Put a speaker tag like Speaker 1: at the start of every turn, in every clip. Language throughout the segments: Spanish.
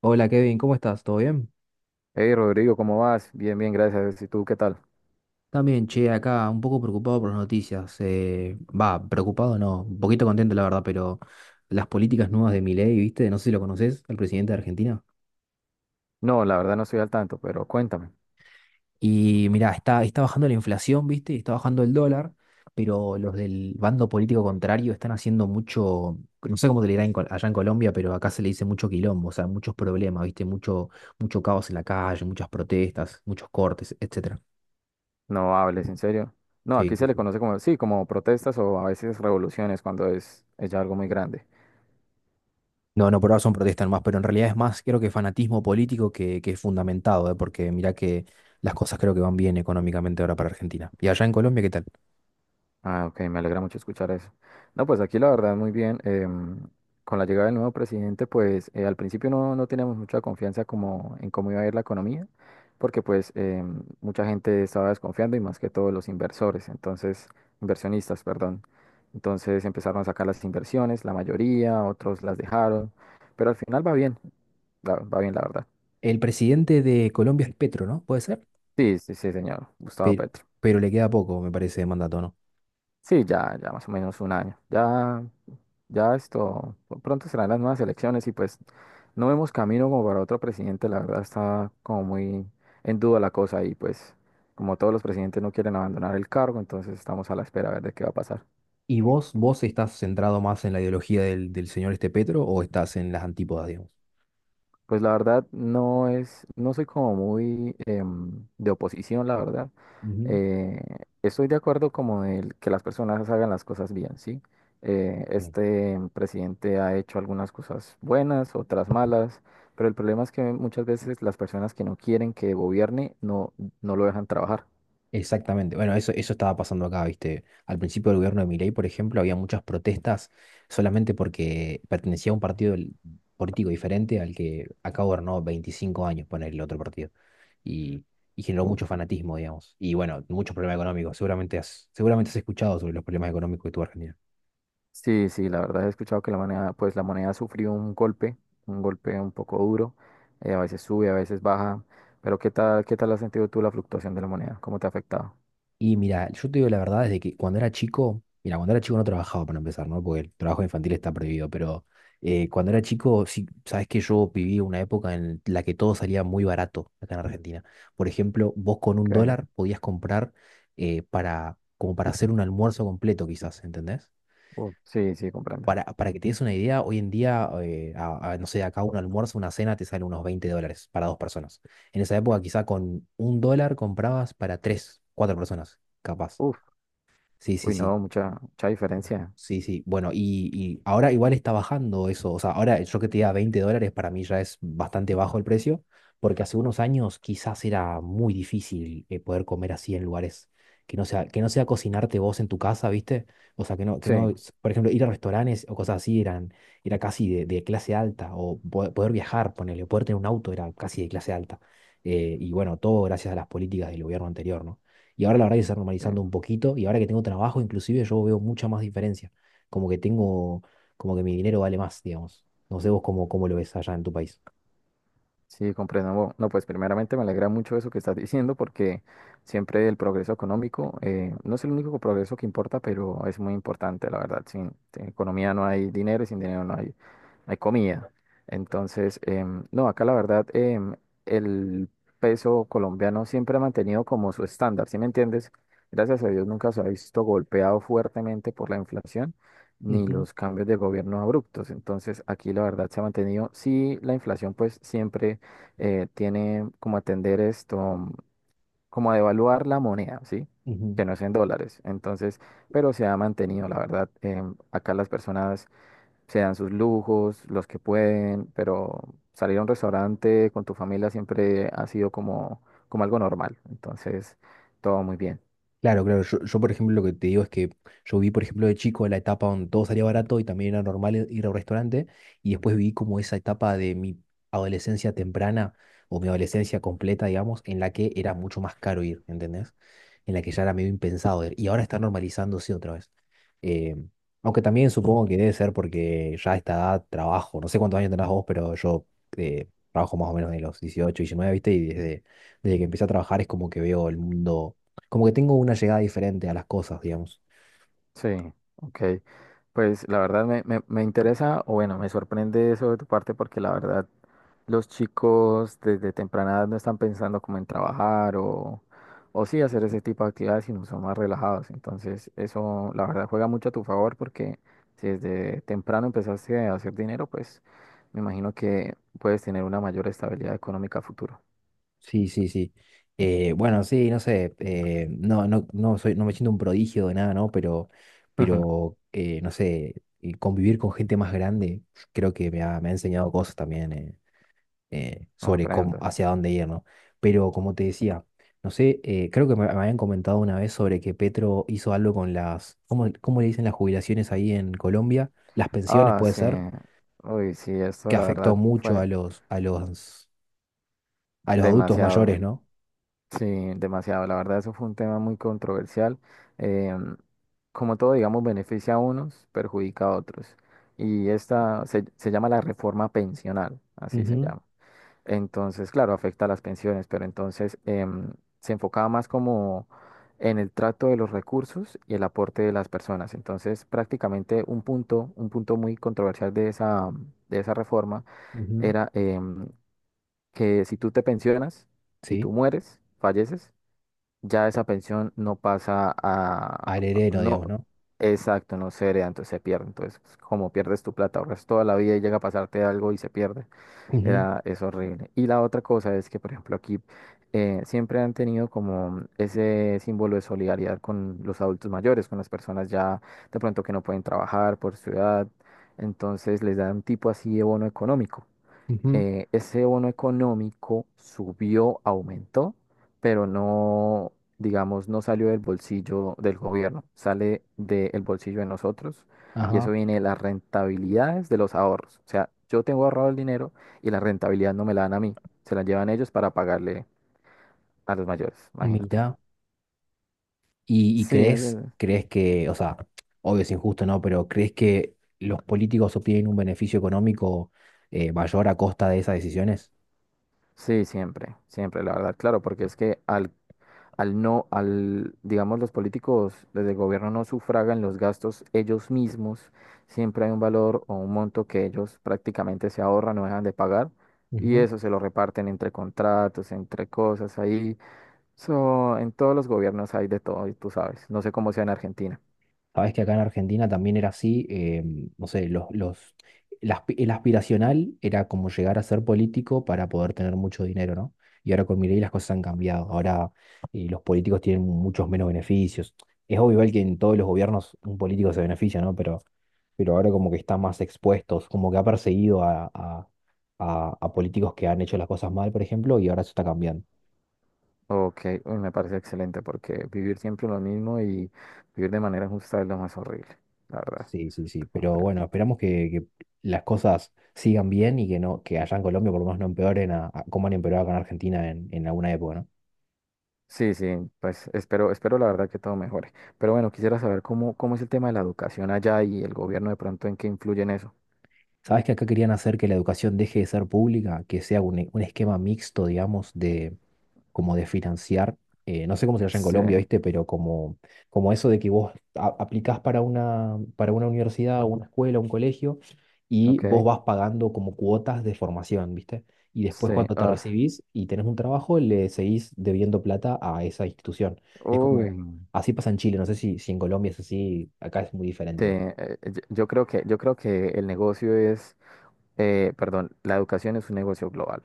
Speaker 1: Hola, Kevin, ¿cómo estás? ¿Todo bien?
Speaker 2: Hey Rodrigo, ¿cómo vas? Bien, bien, gracias. ¿Y tú qué tal?
Speaker 1: También, che, acá un poco preocupado por las noticias. Va, preocupado no, un poquito contento la verdad, pero las políticas nuevas de Milei, ¿viste? No sé si lo conoces, el presidente de Argentina.
Speaker 2: No, la verdad no estoy al tanto, pero cuéntame.
Speaker 1: Y mirá, está bajando la inflación, ¿viste? Está bajando el dólar, pero los del bando político contrario están haciendo mucho, no sé cómo te le dirán en allá en Colombia, pero acá se le dice mucho quilombo, o sea, muchos problemas, ¿viste? Mucho, mucho caos en la calle, muchas protestas, muchos cortes, etcétera.
Speaker 2: No hables, en serio. No,
Speaker 1: Sí,
Speaker 2: aquí
Speaker 1: sí,
Speaker 2: se le
Speaker 1: sí.
Speaker 2: conoce como, sí, como protestas o a veces revoluciones cuando es ya algo muy grande.
Speaker 1: No, no, por ahora son protestas nomás, pero en realidad es más, creo que fanatismo político que es fundamentado, ¿eh? Porque mirá que las cosas creo que van bien económicamente ahora para Argentina. Y allá en Colombia, ¿qué tal?
Speaker 2: Ah, ok, me alegra mucho escuchar eso. No, pues aquí la verdad muy bien. Con la llegada del nuevo presidente, pues al principio no teníamos mucha confianza como en cómo iba a ir la economía, porque mucha gente estaba desconfiando y más que todo los inversores, entonces, inversionistas, perdón. Entonces empezaron a sacar las inversiones, la mayoría, otros las dejaron, pero al final va bien, va bien la verdad.
Speaker 1: El presidente de Colombia es Petro, ¿no? ¿Puede ser?
Speaker 2: Sí, sí, sí, señor, Gustavo
Speaker 1: Pero,
Speaker 2: Petro.
Speaker 1: pero le queda poco, me parece, de mandato, ¿no?
Speaker 2: Sí, ya, ya más o menos 1 año. Ya, ya esto, pronto serán las nuevas elecciones y pues no vemos camino como para otro presidente, la verdad está como muy en duda la cosa y pues como todos los presidentes no quieren abandonar el cargo, entonces estamos a la espera a ver de qué va a pasar.
Speaker 1: ¿Y vos estás centrado más en la ideología del señor este Petro o estás en las antípodas, digamos?
Speaker 2: Pues la verdad no es, no soy como muy de oposición, la verdad.
Speaker 1: Ujú.
Speaker 2: Eh, Estoy de acuerdo como el que las personas hagan las cosas bien, ¿sí? Este presidente ha hecho algunas cosas buenas, otras malas, pero el problema es que muchas veces las personas que no quieren que gobierne no lo dejan trabajar.
Speaker 1: Exactamente. Bueno, eso estaba pasando acá, ¿viste? Al principio del gobierno de Milei, por ejemplo, había muchas protestas solamente porque pertenecía a un partido político diferente al que acá gobernó 25 años, poner el otro partido. Y, y generó mucho fanatismo, digamos. Y bueno, muchos problemas económicos. Seguramente has escuchado sobre los problemas económicos que tuvo Argentina.
Speaker 2: Sí, sí, la verdad he escuchado que la moneda, pues la moneda sufrió un golpe, un golpe un poco duro, a veces sube, a veces baja, pero qué tal has sentido tú la fluctuación de la moneda? ¿Cómo te ha afectado?
Speaker 1: Y mira, yo te digo la verdad, desde que cuando era chico, mira, cuando era chico no trabajaba para empezar, ¿no? Porque el trabajo infantil está prohibido, pero cuando era chico, sí, sabes que yo viví una época en la que todo salía muy barato acá en Argentina. Por ejemplo, vos con un
Speaker 2: Okay.
Speaker 1: dólar podías comprar como para hacer un almuerzo completo, quizás, ¿entendés?
Speaker 2: Uf, sí, sí, comprendo.
Speaker 1: Para que te des una idea, hoy en día, no sé, acá un almuerzo, una cena te sale unos 20 dólares para dos personas. En esa época, quizá con un dólar comprabas para tres, cuatro personas, capaz.
Speaker 2: Uf,
Speaker 1: Sí, sí,
Speaker 2: uy,
Speaker 1: sí.
Speaker 2: no, mucha, mucha diferencia.
Speaker 1: Sí, sí. Bueno, y ahora igual está bajando eso. O sea, ahora yo que te diga 20 dólares para mí ya es bastante bajo el precio, porque hace unos años quizás era muy difícil poder comer así en lugares que no sea cocinarte vos en tu casa, ¿viste? O sea, que
Speaker 2: Sí,
Speaker 1: no, s- por ejemplo, ir a restaurantes o cosas así eran, era casi de clase alta, o poder viajar, ponerle, poder tener un auto era casi de clase alta. Y bueno, todo gracias a las políticas del gobierno anterior, ¿no? Y ahora la verdad que se está
Speaker 2: sí,
Speaker 1: normalizando un poquito y ahora que tengo trabajo inclusive yo veo mucha más diferencia. Como que tengo, como que mi dinero vale más, digamos. No sé vos cómo lo ves allá en tu país.
Speaker 2: sí, comprendo. Bueno, no, pues primeramente me alegra mucho eso que estás diciendo porque siempre el progreso económico, no es el único progreso que importa, pero es muy importante, la verdad. Sin economía no hay dinero y sin dinero no hay comida. Entonces, no, acá la verdad, el peso colombiano siempre ha mantenido como su estándar, ¿sí me entiendes? Gracias a Dios nunca se ha visto golpeado fuertemente por la inflación ni
Speaker 1: Ujú,
Speaker 2: los cambios de gobierno abruptos. Entonces, aquí la verdad se ha mantenido. Sí, la inflación pues siempre tiene como atender esto, mm, como a devaluar la moneda, ¿sí?
Speaker 1: ujú.
Speaker 2: Que no es en dólares. Entonces, pero se ha mantenido, la verdad. Acá las personas se dan sus lujos, los que pueden, pero salir a un restaurante con tu familia siempre ha sido como, como algo normal. Entonces, todo muy bien.
Speaker 1: Claro, claro. Por ejemplo, lo que te digo es que yo vi, por ejemplo, de chico la etapa donde todo salía barato y también era normal ir a un restaurante. Y después vi como esa etapa de mi adolescencia temprana o mi adolescencia completa, digamos, en la que era mucho más caro ir, ¿entendés? En la que ya era medio impensado ir. Y ahora está normalizándose otra vez. Eh, aunque también supongo que debe ser porque ya a esta edad trabajo. No sé cuántos años tenés vos, pero yo trabajo más o menos de los 18, 19, ¿viste? Desde que empecé a trabajar es como que veo el mundo como que tengo una llegada diferente a las cosas, digamos.
Speaker 2: Sí, ok. Pues la verdad me interesa, o bueno, me sorprende eso de tu parte porque la verdad los chicos desde temprana edad no están pensando como en trabajar o sí hacer ese tipo de actividades, sino son más relajados. Entonces eso la verdad juega mucho a tu favor porque si desde temprano empezaste a hacer dinero, pues me imagino que puedes tener una mayor estabilidad económica a futuro.
Speaker 1: Sí, sí, sí. Bueno, sí, no sé. No soy, no me siento un prodigio de nada, ¿no? Pero no sé, convivir con gente más grande creo que me ha enseñado cosas también sobre
Speaker 2: Comprendo.
Speaker 1: hacia dónde ir, ¿no? Pero como te decía, no sé, creo que me habían comentado una vez sobre que Petro hizo algo con las, cómo le dicen las jubilaciones ahí en Colombia? Las pensiones,
Speaker 2: Ah,
Speaker 1: puede
Speaker 2: sí.
Speaker 1: ser,
Speaker 2: Uy, sí,
Speaker 1: que
Speaker 2: esto la
Speaker 1: afectó
Speaker 2: verdad
Speaker 1: mucho
Speaker 2: fue
Speaker 1: a los, a los a los adultos mayores,
Speaker 2: demasiado.
Speaker 1: ¿no?
Speaker 2: Sí, demasiado. La verdad, eso fue un tema muy controversial. Em, Como todo, digamos, beneficia a unos, perjudica a otros. Y esta se llama la reforma pensional, así se
Speaker 1: Ujú,
Speaker 2: llama. Entonces, claro, afecta a las pensiones, pero entonces se enfocaba más como en el trato de los recursos y el aporte de las personas. Entonces, prácticamente un punto muy controversial de de esa reforma
Speaker 1: ujú.
Speaker 2: era que si tú te pensionas y
Speaker 1: ¿Sí?
Speaker 2: tú mueres, falleces, ya esa pensión
Speaker 1: Al heredero,
Speaker 2: no,
Speaker 1: digamos, ¿no?
Speaker 2: exacto, no se hereda, entonces se pierde. Entonces, pues, como pierdes tu plata, ahorras toda la vida y llega a pasarte algo y se pierde.
Speaker 1: Ujú,
Speaker 2: Es horrible. Y la otra cosa es que, por ejemplo, aquí siempre han tenido como ese símbolo de solidaridad con los adultos mayores, con las personas ya de pronto que no pueden trabajar por su edad. Entonces les dan un tipo así de bono económico.
Speaker 1: ujú.
Speaker 2: Ese bono económico subió, aumentó, pero no, digamos, no salió del bolsillo del gobierno, sale del bolsillo de nosotros y eso
Speaker 1: Ajá,
Speaker 2: viene de las rentabilidades de los ahorros. O sea, yo tengo ahorrado el dinero y la rentabilidad no me la dan a mí, se la llevan ellos para pagarle a los mayores, imagínate.
Speaker 1: mira. Y
Speaker 2: Sí,
Speaker 1: crees,
Speaker 2: eso-
Speaker 1: crees que, o sea, obvio es injusto, ¿no? Pero ¿crees que los políticos obtienen un beneficio económico mayor a costa de esas decisiones?
Speaker 2: sí, siempre, siempre, la verdad, claro, porque es que al no, al, digamos, los políticos desde el gobierno no sufragan los gastos ellos mismos, siempre hay un valor o un monto que ellos prácticamente se ahorran, no dejan de pagar, y eso se lo reparten entre contratos, entre cosas ahí. So, en todos los gobiernos hay de todo, y tú sabes. No sé cómo sea en Argentina.
Speaker 1: Sabes que acá en Argentina también era así, no sé, los, el, aspi- el aspiracional era como llegar a ser político para poder tener mucho dinero, ¿no? Y ahora con Milei las cosas han cambiado. Ahora los políticos tienen muchos menos beneficios. Es obvio igual que en todos los gobiernos un político se beneficia, ¿no? Pero ahora como que están más expuestos, como que ha perseguido a políticos que han hecho las cosas mal, por ejemplo, y ahora eso está cambiando.
Speaker 2: Ok, uy, me parece excelente porque vivir siempre lo mismo y vivir de manera justa es lo más horrible, la verdad.
Speaker 1: Sí, sí, sí.
Speaker 2: Te
Speaker 1: Pero
Speaker 2: comprendo.
Speaker 1: bueno, que las cosas sigan bien y que no, que allá en Colombia por lo menos no empeoren como han empeorado acá en Argentina en alguna época, ¿no?
Speaker 2: Sí, sí, pues espero, espero la verdad que todo mejore. Pero bueno, quisiera saber cómo, cómo es el tema de la educación allá y el gobierno de pronto en qué influye en eso.
Speaker 1: ¿Sabes que acá querían hacer que la educación deje de ser pública, que sea un esquema mixto, digamos, como de financiar, no sé cómo se llama en
Speaker 2: Sí,
Speaker 1: Colombia, ¿viste? Pero como eso de que vos aplicás para para una universidad, una escuela, un colegio, y vos
Speaker 2: ok.
Speaker 1: vas pagando como cuotas de formación, ¿viste? Y después
Speaker 2: Sí,
Speaker 1: cuando te
Speaker 2: ah,
Speaker 1: recibís y tenés un trabajo, le seguís debiendo plata a esa institución. Es
Speaker 2: uy,
Speaker 1: como, así pasa en Chile, no sé si en Colombia es así, acá es muy diferente
Speaker 2: sí,
Speaker 1: igual.
Speaker 2: yo creo que, yo creo que el negocio es, perdón, la educación es un negocio global.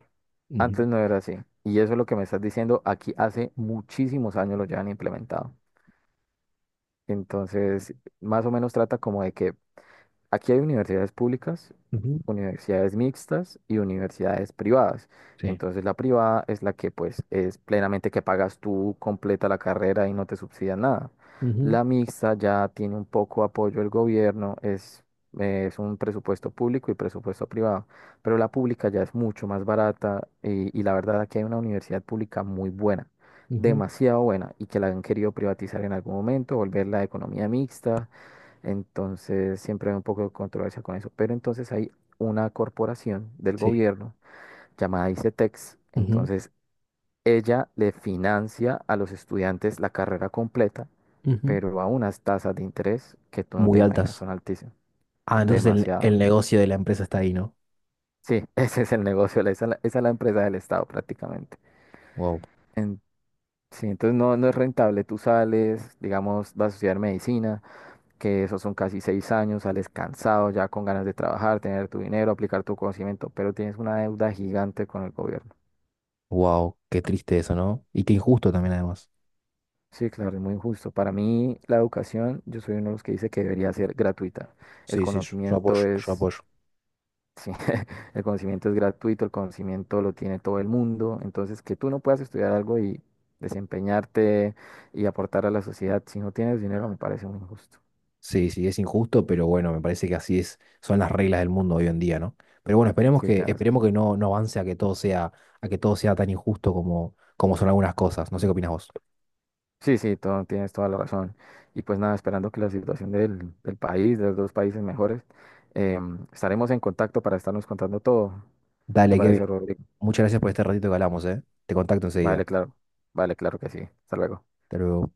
Speaker 1: Ujú,
Speaker 2: Antes no era así. Y eso es lo que me estás diciendo, aquí hace muchísimos años lo llevan implementado. Entonces, más o menos trata como de que aquí hay universidades públicas,
Speaker 1: ujú.
Speaker 2: universidades mixtas y universidades privadas.
Speaker 1: Sí.
Speaker 2: Entonces la privada es la que pues es plenamente que pagas tú completa la carrera y no te subsidian nada.
Speaker 1: Ujú,
Speaker 2: La mixta ya tiene un poco apoyo del gobierno, es un presupuesto público y presupuesto privado, pero la pública ya es mucho más barata y la verdad aquí hay una universidad pública muy buena,
Speaker 1: ujú.
Speaker 2: demasiado buena y que la han querido privatizar en algún momento, volver la economía mixta, entonces siempre hay un poco de controversia con eso. Pero entonces hay una corporación del
Speaker 1: Sí.
Speaker 2: gobierno llamada ICETEX.
Speaker 1: Ujú,
Speaker 2: Entonces ella le financia a los estudiantes la carrera completa,
Speaker 1: ujú.
Speaker 2: pero a unas tasas de interés que tú no te
Speaker 1: Muy
Speaker 2: imaginas,
Speaker 1: altas.
Speaker 2: son altísimas.
Speaker 1: Ah, entonces el
Speaker 2: Demasiado.
Speaker 1: negocio de la empresa está ahí, ¿no?
Speaker 2: Sí, ese es el negocio, la- esa, es la esa es la empresa del Estado prácticamente.
Speaker 1: Wow,
Speaker 2: En- sí, entonces no, no es rentable. Tú sales, digamos, vas a estudiar medicina, que esos son casi 6 años, sales cansado, ya con ganas de trabajar, tener tu dinero, aplicar tu conocimiento, pero tienes una deuda gigante con el gobierno.
Speaker 1: wow, qué triste eso, ¿no? Y qué injusto
Speaker 2: Sí,
Speaker 1: también además.
Speaker 2: sí, claro, es muy injusto. Para mí, la educación, yo soy uno de los que dice que debería ser gratuita. El
Speaker 1: Sí, sí, yo
Speaker 2: conocimiento
Speaker 1: apoyo, yo
Speaker 2: es,
Speaker 1: apoyo.
Speaker 2: sí, el conocimiento es gratuito, el conocimiento lo tiene todo el mundo. Entonces, que tú no puedas estudiar algo y desempeñarte y aportar a la sociedad si no tienes dinero me parece muy injusto.
Speaker 1: Sí, sí, es injusto, pero bueno, me parece que así es, son las reglas del mundo hoy en día, ¿no? Pero bueno, esperemos
Speaker 2: Sí, tienes razón.
Speaker 1: esperemos que no, no avance a que todo sea, a que todo sea tan injusto como, como son algunas cosas. No sé qué opinas vos.
Speaker 2: Sí, sí, todo, tienes toda la razón. Y pues nada, esperando que la situación del país, de los dos países mejores, estaremos en contacto para estarnos contando todo. ¿Qué te
Speaker 1: Dale,
Speaker 2: parece,
Speaker 1: Kevin.
Speaker 2: Rodrigo?
Speaker 1: Muchas gracias por este ratito que hablamos, ¿eh? Te contacto
Speaker 2: Vale,
Speaker 1: enseguida.
Speaker 2: claro. Vale, claro que sí. Hasta luego.
Speaker 1: Hasta luego.